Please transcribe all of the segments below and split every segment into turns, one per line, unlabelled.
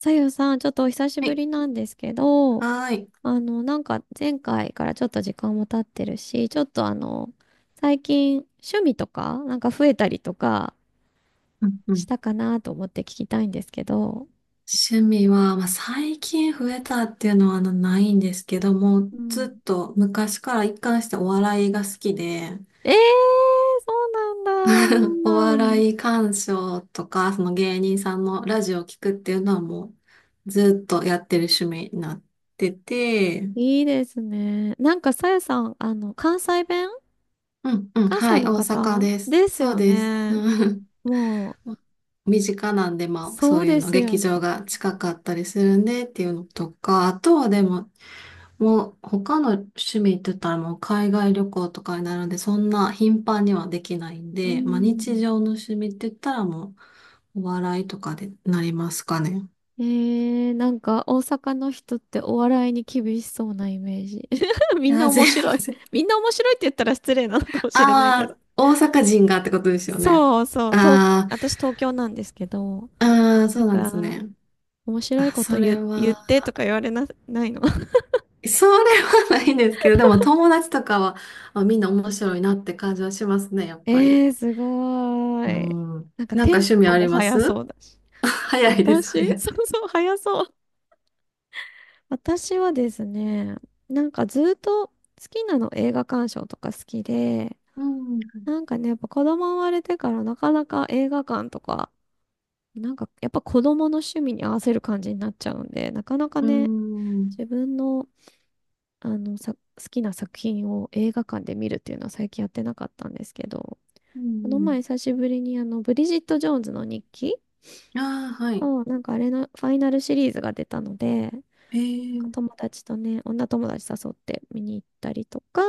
さゆさん、ちょっとお久し
は
ぶ
い。
りなんですけど、
はーい。
前回からちょっと時間も経ってるし、ちょっと最近趣味とか、増えたりとか
うんう
し
ん。
たかなと思って聞きたいんですけど。
趣味は、まあ、最近増えたっていうのはないんですけども、
うん。
ずっと昔から一貫してお笑いが好きで、
えー、そうな
お
んだ。
笑い鑑賞とか、その芸人さんのラジオを聞くっていうのはもうずっとやってる趣味になってて、
いいですね。なんかさゆさん、あの、関西弁、
うんうん、
関
は
西
い、大
の
阪
方
です。
です
そう
よ
です。
ね。
うん
もう、
身近なんで、まあ、そ
そう
ういう
で
の、
すよ
劇
ね。
場が近かったりするんでっていうのとか、あとはでも、もう他の趣味って言ったらもう海外旅行とかになるんで、そんな頻繁にはできないん
う
で、まあ日
ん。
常の趣味って言ったらもうお笑いとかでなりますかね。
えー、なんか大阪の人ってお笑いに厳しそうなイメージ。み
い
んな
や、全
面白い。
然。
みんな面白いって言ったら失礼なのかも しれないけ
あ
ど。
あ、大阪人がってことですよね。
そうそう、東、
あ
私東京なんですけど、
あ、ああ、
な
そう
ん
なんです
か
ね。
面白い
あ、
こと
それ
言、言っ
は、
てとか言われな、ないの。
それはないんですけど、でも友達とかは、あ、みんな面白いなって感じはしますね、やっぱり。
えー、すご
う
ーい。
ん。
なんか
なん
テ
か
ン
趣味
ポ
あ
も
りま
速そ
す？
うだし。
早いです、
私
早 い。
そうそう、速そう。私はですね、なんかずっと好きなの映画鑑賞とか好きで、
うん
なんかね、やっぱ子供生まれてからなかなか映画館とか、なんかやっぱ子供の趣味に合わせる感じになっちゃうんで、なかなか
うー
ね、
ん。
自分の、あのさ、好きな作品を映画館で見るっていうのは最近やってなかったんですけど、
う
この
ん
前久しぶりにあの、ブリジット・ジョーンズの日記
うん。ああ、はい。
を、なんかあれのファイナルシリーズが出たので、
へえ。
友達とね、女友達誘って見に行ったりとか、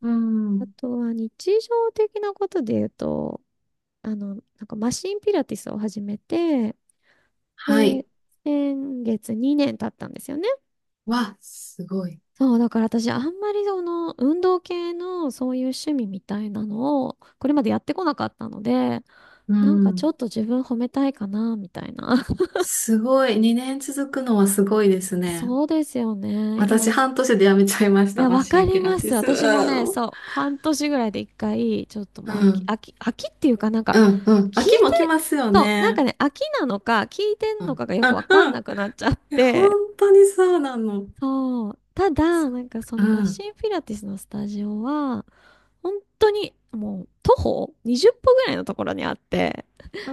う
あ
ん。
とは日常的なことで言うと、あの、なんかマシンピラティスを始めて、
は
で、
い。
先月2年経ったんですよね。
わ、すごい。
そう、だから私あんまりその運動系のそういう趣味みたいなのをこれまでやってこなかったので、
う
なんかちょ
ん。
っと自分褒めたいかな、みたいな。
すごい。2年続くのはすごいですね。
そうですよね。
私、
今、
半年で辞めちゃいまし
い
た。
や、
マ
わ
シ
か
ン
り
ピラ
ま
ティ
す。
ス。
私もね、
うん。
そう、半年ぐらいで一回、ちょっともう飽きっていうかなんか、
うん。うん。
聞い
秋も来
て、
ますよ
そう、なんか
ね。
ね、飽きなのか、聞いてん
う
のか
ん。
がよ
う
くわか
ん。
ん
う
な
ん。
くなっちゃっ
え、本
て、
当にそうなの。
そう。た
そ
だ、なんかそ
う。
のマ
うん。
シンピラティスのスタジオは、本当にもう徒歩20歩ぐらいのところにあって、
う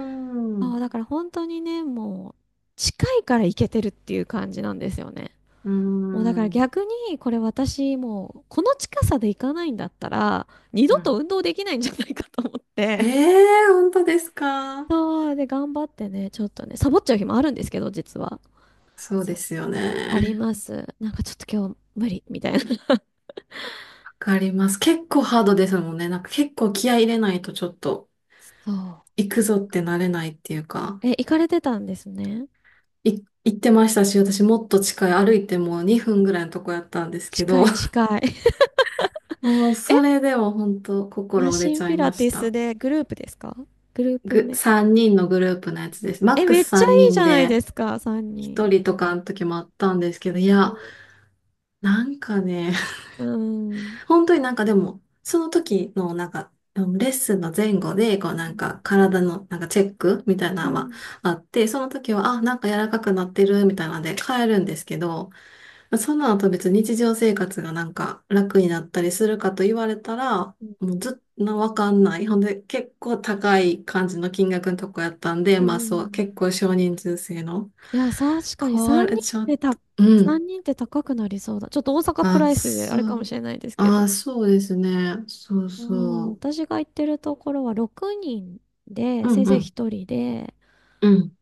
そう、
ん。
だから本当にね、もう近いから行けてるっていう感じなんですよね。
う
もうだから
ん。
逆にこれ私もうこの近さで行かないんだったら二度
う
と
ん。
運動できないんじゃないかと思っ
え
て。
えー、本当ですか？
そう、で頑張ってね、ちょっとね、サボっちゃう日もあるんですけど、実は。
そう
そ
で
う、
すよ
あり
ね。
ます。なんかちょっと今日無理みたいな。
かります。結構ハードですもんね。なんか結構気合い入れないとちょっと
そう。
行くぞってなれないっていうか、
え、行かれてたんですね。
行ってましたし、私もっと近い歩いてもう2分ぐらいのとこやったんですけ
近
ど、
い 近い。
もう
え、
それでも本当
マ
心折れ
シ
ち
ン
ゃ
ピ
い
ラ
ま
テ
し
ィス
た。
でグループですか？グループ目。
3人のグループのやつです。マッ
え、
ク
め
ス
っちゃ
3
いいじ
人
ゃないで
で
すか、3
1
人。
人とかの時もあったんですけど、い
う
や、
ん。
なんかね、
うん。
本当になんかでも、その時のなんか、うんレッスンの前後で、こうな
う
ん
ん。
か体のなんかチェックみたい
う
なのは
ん。
あって、その時は、あ、なんか柔らかくなってるみたいなので変えるんですけど、その後別に日常生活がなんか楽になったりするかと言われたら、もうずっとわかんない。ほんで結構高い感じの金額のとこやったんで、
う
まあそう、結
ん。
構少人数制の。
いや、確かに
これちょっと、うん。
3人って高くなりそうだ。ちょっと大阪プ
あ、
ライスであ
そ
れかもし
う。
れないですけど。
あ、そうですね。そう
うん、
そ
私が行ってるところは6人で、
う。う
先
んう
生
ん。
1人で、
うん。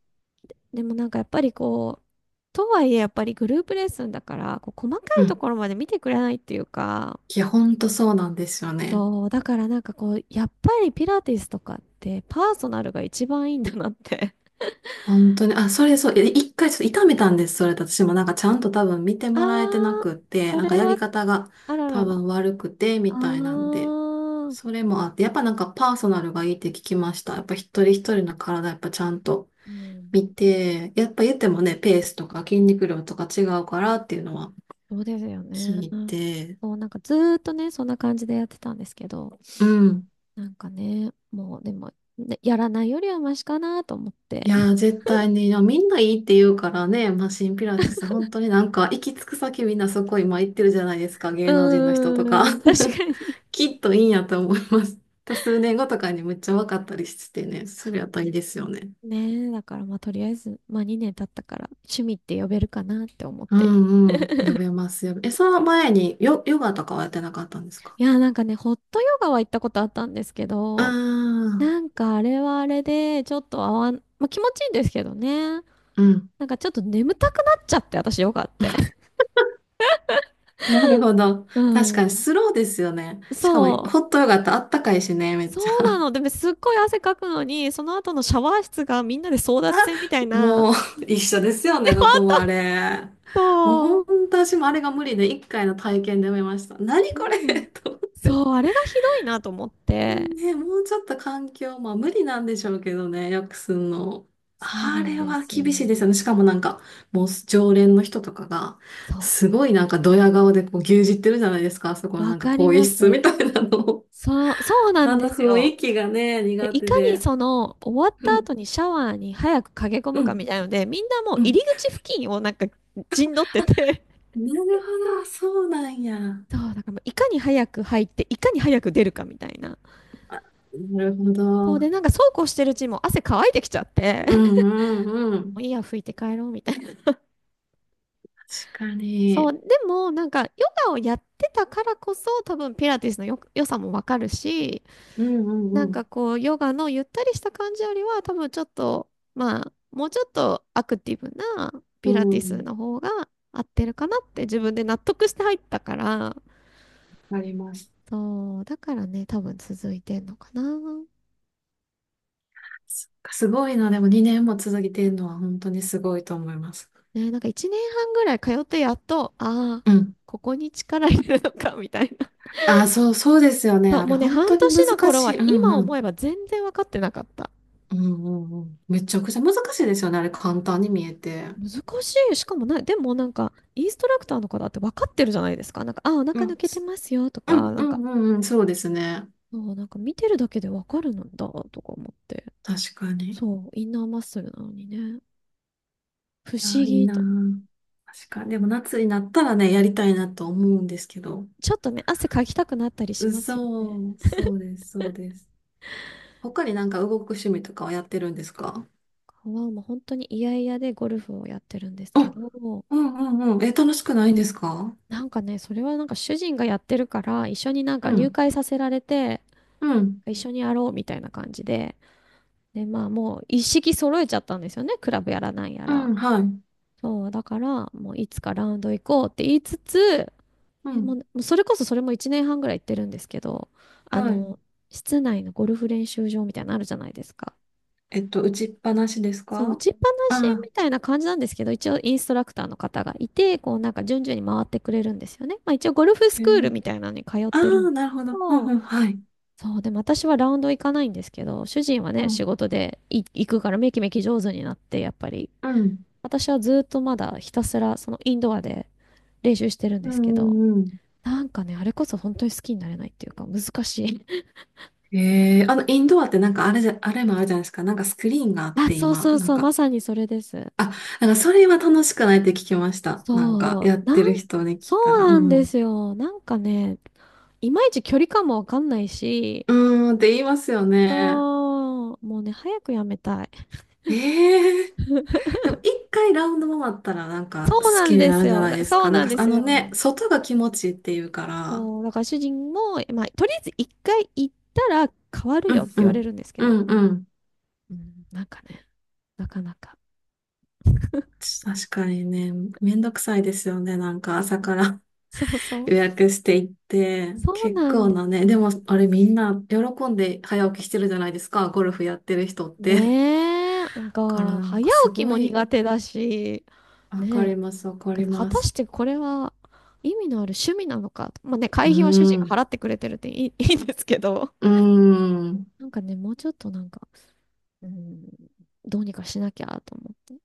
でもなんかやっぱりこう、とはいえやっぱりグループレッスンだから、こう細か
う
いと
ん。
ころまで見てくれないっていうか、
いや、ほんとそうなんですよね。
そう、だからなんかこう、やっぱりピラティスとかってパーソナルが一番いいんだなって。
本当に。あ、それそう。い一回ちょっと痛めたんです。それ私もなんかちゃんと多分見て
あ
もらえてな
ー、
くって、
そ
なんか
れ
やり
は、
方が
あら
多
らら。
分悪くて、
あ
みたいなんで。
ー、
それもあって、やっぱなんかパーソナルがいいって聞きました。やっぱ一人一人の体やっぱちゃんと
うん、
見て、やっぱ言ってもね、ペースとか筋肉量とか違うからっていうのは
そうですよ
聞
ね。
いて、
そう、なんかずーっとね、そんな感じでやってたんですけど、
うん。
なんかね、もうでも、ねやらないよりはマシかなと思っ
い
て。
やー、絶対に、いやみんないいって言うからね、マシンピラティス、本当になんか、行き着く先みんなそこ今行ってるじゃないですか、
う
芸能人の人とか。
ーん、確かに。
きっといいんやと思います。た数年後とかにむっちゃ分かったりしてね、それやったらいいですよね。
ねえ、だからまあとりあえず、まあ2年経ったから趣味って呼べるかなって思っ
う
て。
んうん、呼 べますよ。え、その前にヨガとかはやってなかったんですか？
いや、なんかね、ホットヨガは行ったことあったんですけど、
ああ
なんかあれはあれで、ちょっと合わん、まあ気持ちいいんですけどね。
ー、うん。
なんかちょっと眠たくなっちゃって、私ヨガって。
なるほど。
う
確かに
ん。
スローですよね。しかも、
そ
ホ
う。
ットヨガってあったかいしね、めっ
そ
ちゃ。
うなの。でもすっごい汗かくのに、その後のシャワー室がみんなで争奪戦みたいな。
もう 一緒ですよね、どこ もあれ。もう
そ
本
う。
当私もあれが無理で一回の体験で見ました。何こ
そうな
れ
ん。
と思って。
そう、あれがひどいなと思って。
ね、もうちょっと環境、まあ無理なんでしょうけどね、よくすんの。
そう
あ
なん
れ
で
は
すよ。
厳しいですよね。しかもなんか、もう常連の人とかが、
そ
すごいなんかドヤ顔でこう牛耳ってるじゃないですか、あそこ
う。
の
わ
なんか
か
更
り
衣
ま
室
す。
みたいなの、
そう、そうな
あ
ん
の
です
雰
よ。
囲気がね、
で、
苦
い
手
かに
で。
その終わっ
う
た
ん、
後にシャワーに早く駆け込む
う
か
ん、
みたいので、みんなもう
う
入
ん。
り口付近をなんか陣取ってて、
なるほど、そうなんや。
そう、だからもういかに早く入って、いかに早く出るかみたいな。
なるほど。
そう
う
で、
ん
なんかそうこうしてるうちにもう汗乾いてきちゃって、
うんう
も
ん。
ういいや、拭いて帰ろうみたいな。
確か
そう、
に。
でもなんかヨガをやってたからこそ多分ピラティスのよ、良さもわかるし、
うん
な
う
んか
ん
こう、ヨガのゆったりした感じよりは、多分ちょっと、まあ、もうちょっとアクティブな
う
ピラテ
ん。
ィ
う
ス
ん。
の方が合ってるかなって自分で納得して入ったから、
わかります。
そう、だからね、多分続いてんのかな。
そっかすごいな。でも2年も続いてるのは本当にすごいと思います。
ね、なんか1年半ぐらい通ってやっと、ああ、
うん。
ここに力入れるのか、みたいな。
あ、そう、そうですよね。
そう、
あ
も
れ
うね、
本
半
当に
年の
難
頃
し
は
い。うん
今
う
思
ん。
えば全然分かってなかった。
うんうんうん。めちゃくちゃ難しいですよね。あれ簡単に見えて。
難しい。しかもなでもなんか、インストラクターの方って分かってるじゃないですか。なんか、あ、お
う
腹抜
ん。
けて
す、
ますよと
うん
か、な
う
んか、
んうんうん。そうですね。
そう、なんか見てるだけでわかるんだとか思って。
確かに。
そう、インナーマッスルなのにね。不思
あ、いい
議
な。
と思う。
確かに。でも夏になったらね、やりたいなと思うんですけど。
ちょっとね、汗かきたくなったりし
う
ますよ
そ
ね。
う、そうです、そうです。他になんか動く趣味とかはやってるんですか？
はもう本当に嫌々でゴルフをやってるんです
あ、
けど、
うんうんうん。え、楽しくないんですか？
なんかね、それはなんか主人がやってるから、一緒になん
う
か入
ん、
会させられて、
うん、
一緒にやろうみたいな感じで、で、まあもう一式揃えちゃったんですよね。クラブやらなんや
う
ら。
ん、はい、
そう、だから、もういつかラウンド行こうって言いつつ、
う
え、
ん、
もうそれこそそれも1年半ぐらい行ってるんですけど、あ
はい。
の、室内のゴルフ練習場みたいなのあるじゃないですか。
えっと、打ちっぱなしです
そう、打
か？あ
ちっぱなし
あ、
みたいな感じなんですけど、一応インストラクターの方がいて、こうなんか順々に回ってくれるんですよね。まあ一応ゴルフス
え
クール
ー、
みたいなのに通っ
あ
てるん
あ、
です
なるほ
け
ど。うん
ど、
うん、はい。
そう、でも私はラウンド行かないんですけど、主人は
う
ね、仕
ん、
事でい行くからめきめき上手になって、やっぱり、
うん、
私はずっとまだひたすらそのインドアで練習してるんで
う
すけど、
ん、うん。
なんかね、あれこそ本当に好きになれないっていうか、難しい。
ええー、あの、インドアってなんかあれじゃ、あれもあるじゃないですか。なんかスクリーンがあ っ
あ、
て
そう
今、
そう
なん
そう、ま
か、
さにそれです。
あ、なんかそれは楽しくないって聞きました。なん
そ
か
う、
やってる人に
そ
聞いた
う
ら。
な
う
んで
ん。
すよ。なんかね、いまいち距離感もわかんないし、
うーんって言いますよね。
そう、もうね、早くやめたい。
ええ、でも一回ラウンド回ったらなんか
そう
好
な
き
ん
に
で
な
す
るんじゃ
よ。
ない
だ
です
そう
か。なん
なん
か
で
あ
す
の
よ。
ね、外が気持ちいいっていうから。
そう、だから主人も、まあ、とりあえず一回行ったら変わる
う
よっ
ん
て
う
言われ
ん。
るんですけど、
うんうん。
うん、なんかね、なかなか。
確かにね、めんどくさいですよね。なんか朝から
そ うそう。
予約していって、
そう
結
なん
構
で
なね、
す
で
よ。
もあれみんな喜んで早起きしてるじゃないですか。ゴルフやってる人って。だ
ねえ、なん
から
か、
な
早
んか
起
す
き
ご
も
い、
苦手だし、
わ
ね
かり
え、
ます、わかり
果
ま
たし
す。
てこれは意味のある趣味なのか。まあね、
う
会費は主人が
ん。
払ってくれてるっていい、いいんですけど。
うん。
なんかね、もうちょっとなんか、うん、どうにかしなきゃと思って。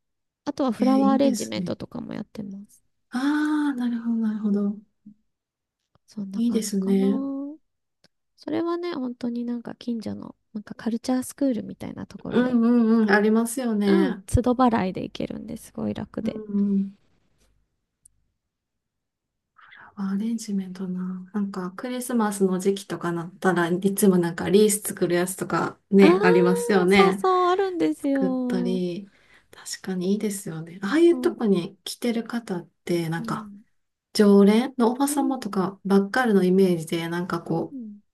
あとは
え、
フラワー
い
ア
い
レ
で
ンジ
す
メント
ね。
とかもやってます。
ああ、なるほど、なるほど。
そんな
いいで
感じ
す
かな。
ね。
それはね、本当になんか近所の、なんかカルチャースクールみたいなところ
う
で、
んうんうん、ありますよ
うん、
ね。
都度払いで行けるんですごい楽
うん
で。
うん。アレンジメントな。なんか、クリスマスの時期とかなったらいつもなんかリース作るやつとか
ああ、
ね、ありますよ
そう
ね。
そう、あるんです
作った
よ。
り。確かにいいですよね。ああいう
そ
と
う。
こに来てる方って、な
う
んか、
ん。
常連のおば
う
様
ん。
とかばっかりのイメージで、なんか
う
こう、
ん。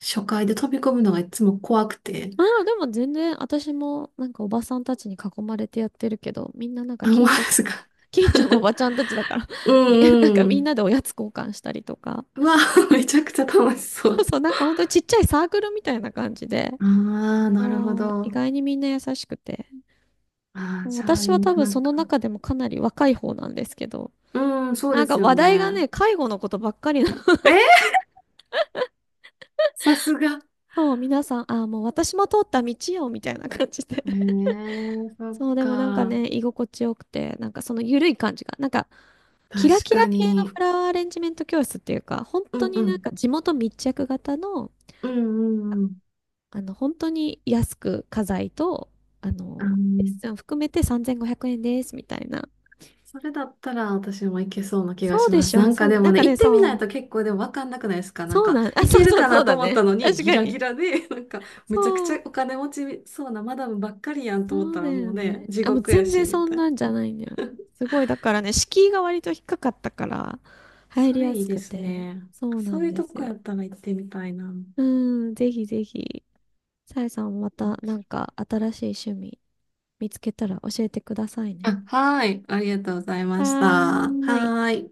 初回で飛び込むのがいつも怖くて。
まあ、でも全然、私も、なんかおばさんたちに囲まれてやってるけど、みんななんか
あ、思いま
近所の、
すか？
近所のお ばちゃんたちだから
う
なんか
んう
みんな
ん。
でおやつ交換したりとか。
うわ、めちゃくちゃ楽しそ
そう
う。
そう、なんか本当にちっちゃいサークルみたいな感じで、
ああ、なるほ
おー、意
ど。
外にみんな優しくて。
ああ、じゃあ、
私
いい
は多分
な
そ
ん
の
か、
中でもかなり若い方なんですけど、
うん、そう
な
で
んか
すよ
話題が
ね。
ね、介護のことばっかり。
えー、さすが。
そう、皆さん、あー、もう私も通った道よ、みたいな感じで。
え ー、そっ
そう、でもなんか
か。
ね、居心地よくて、なんかその緩い感じが、なんか、キラ
確
キラ
か
系のフ
に。
ラワーアレンジメント教室っていうか、本
う
当
ん
に
う
なん
ん。
か地元密着型の、
うんうんうん。
あの、本当に安く家財と、あ
あ
の、レ
の、
ッスン含めて3500円です、みたいな。
それだったら私もいけそうな気が
そう
し
で
ま
し
す。な
ょ、
んか
そう、
で
な
も
ん
ね、
か
行
ね、
ってみ
そ
ない
う、
と結構でもわかんなくないですか？なん
そう
か、
なん、あ、
い
そう
ける
そう、
か
そ
な
う
と
だ
思っ
ね。
たのに
確
ギ
か
ラ
に。
ギラで、なんか、むちゃくち
そう。
ゃお金持ちそうなマダムばっかりやんと思っ
そう
た
だ
らも
よ
うね、
ね。
地
あ、もう
獄や
全
し、
然
み
そん
たいな。
なんじゃないんだよ。すごい、だからね、敷居が割と低かったから、入
そ
り
れ
や
いい
す
で
く
す
て、
ね。
そうな
そう
ん
いう
で
と
す
こや
よ。
ったら行ってみたいな。
うん、ぜひぜひ、さえさんまたなんか新しい趣味見つけたら教えてくださいね。
あ、はい。ありがとうございまし
は
た。
ーい。
はい。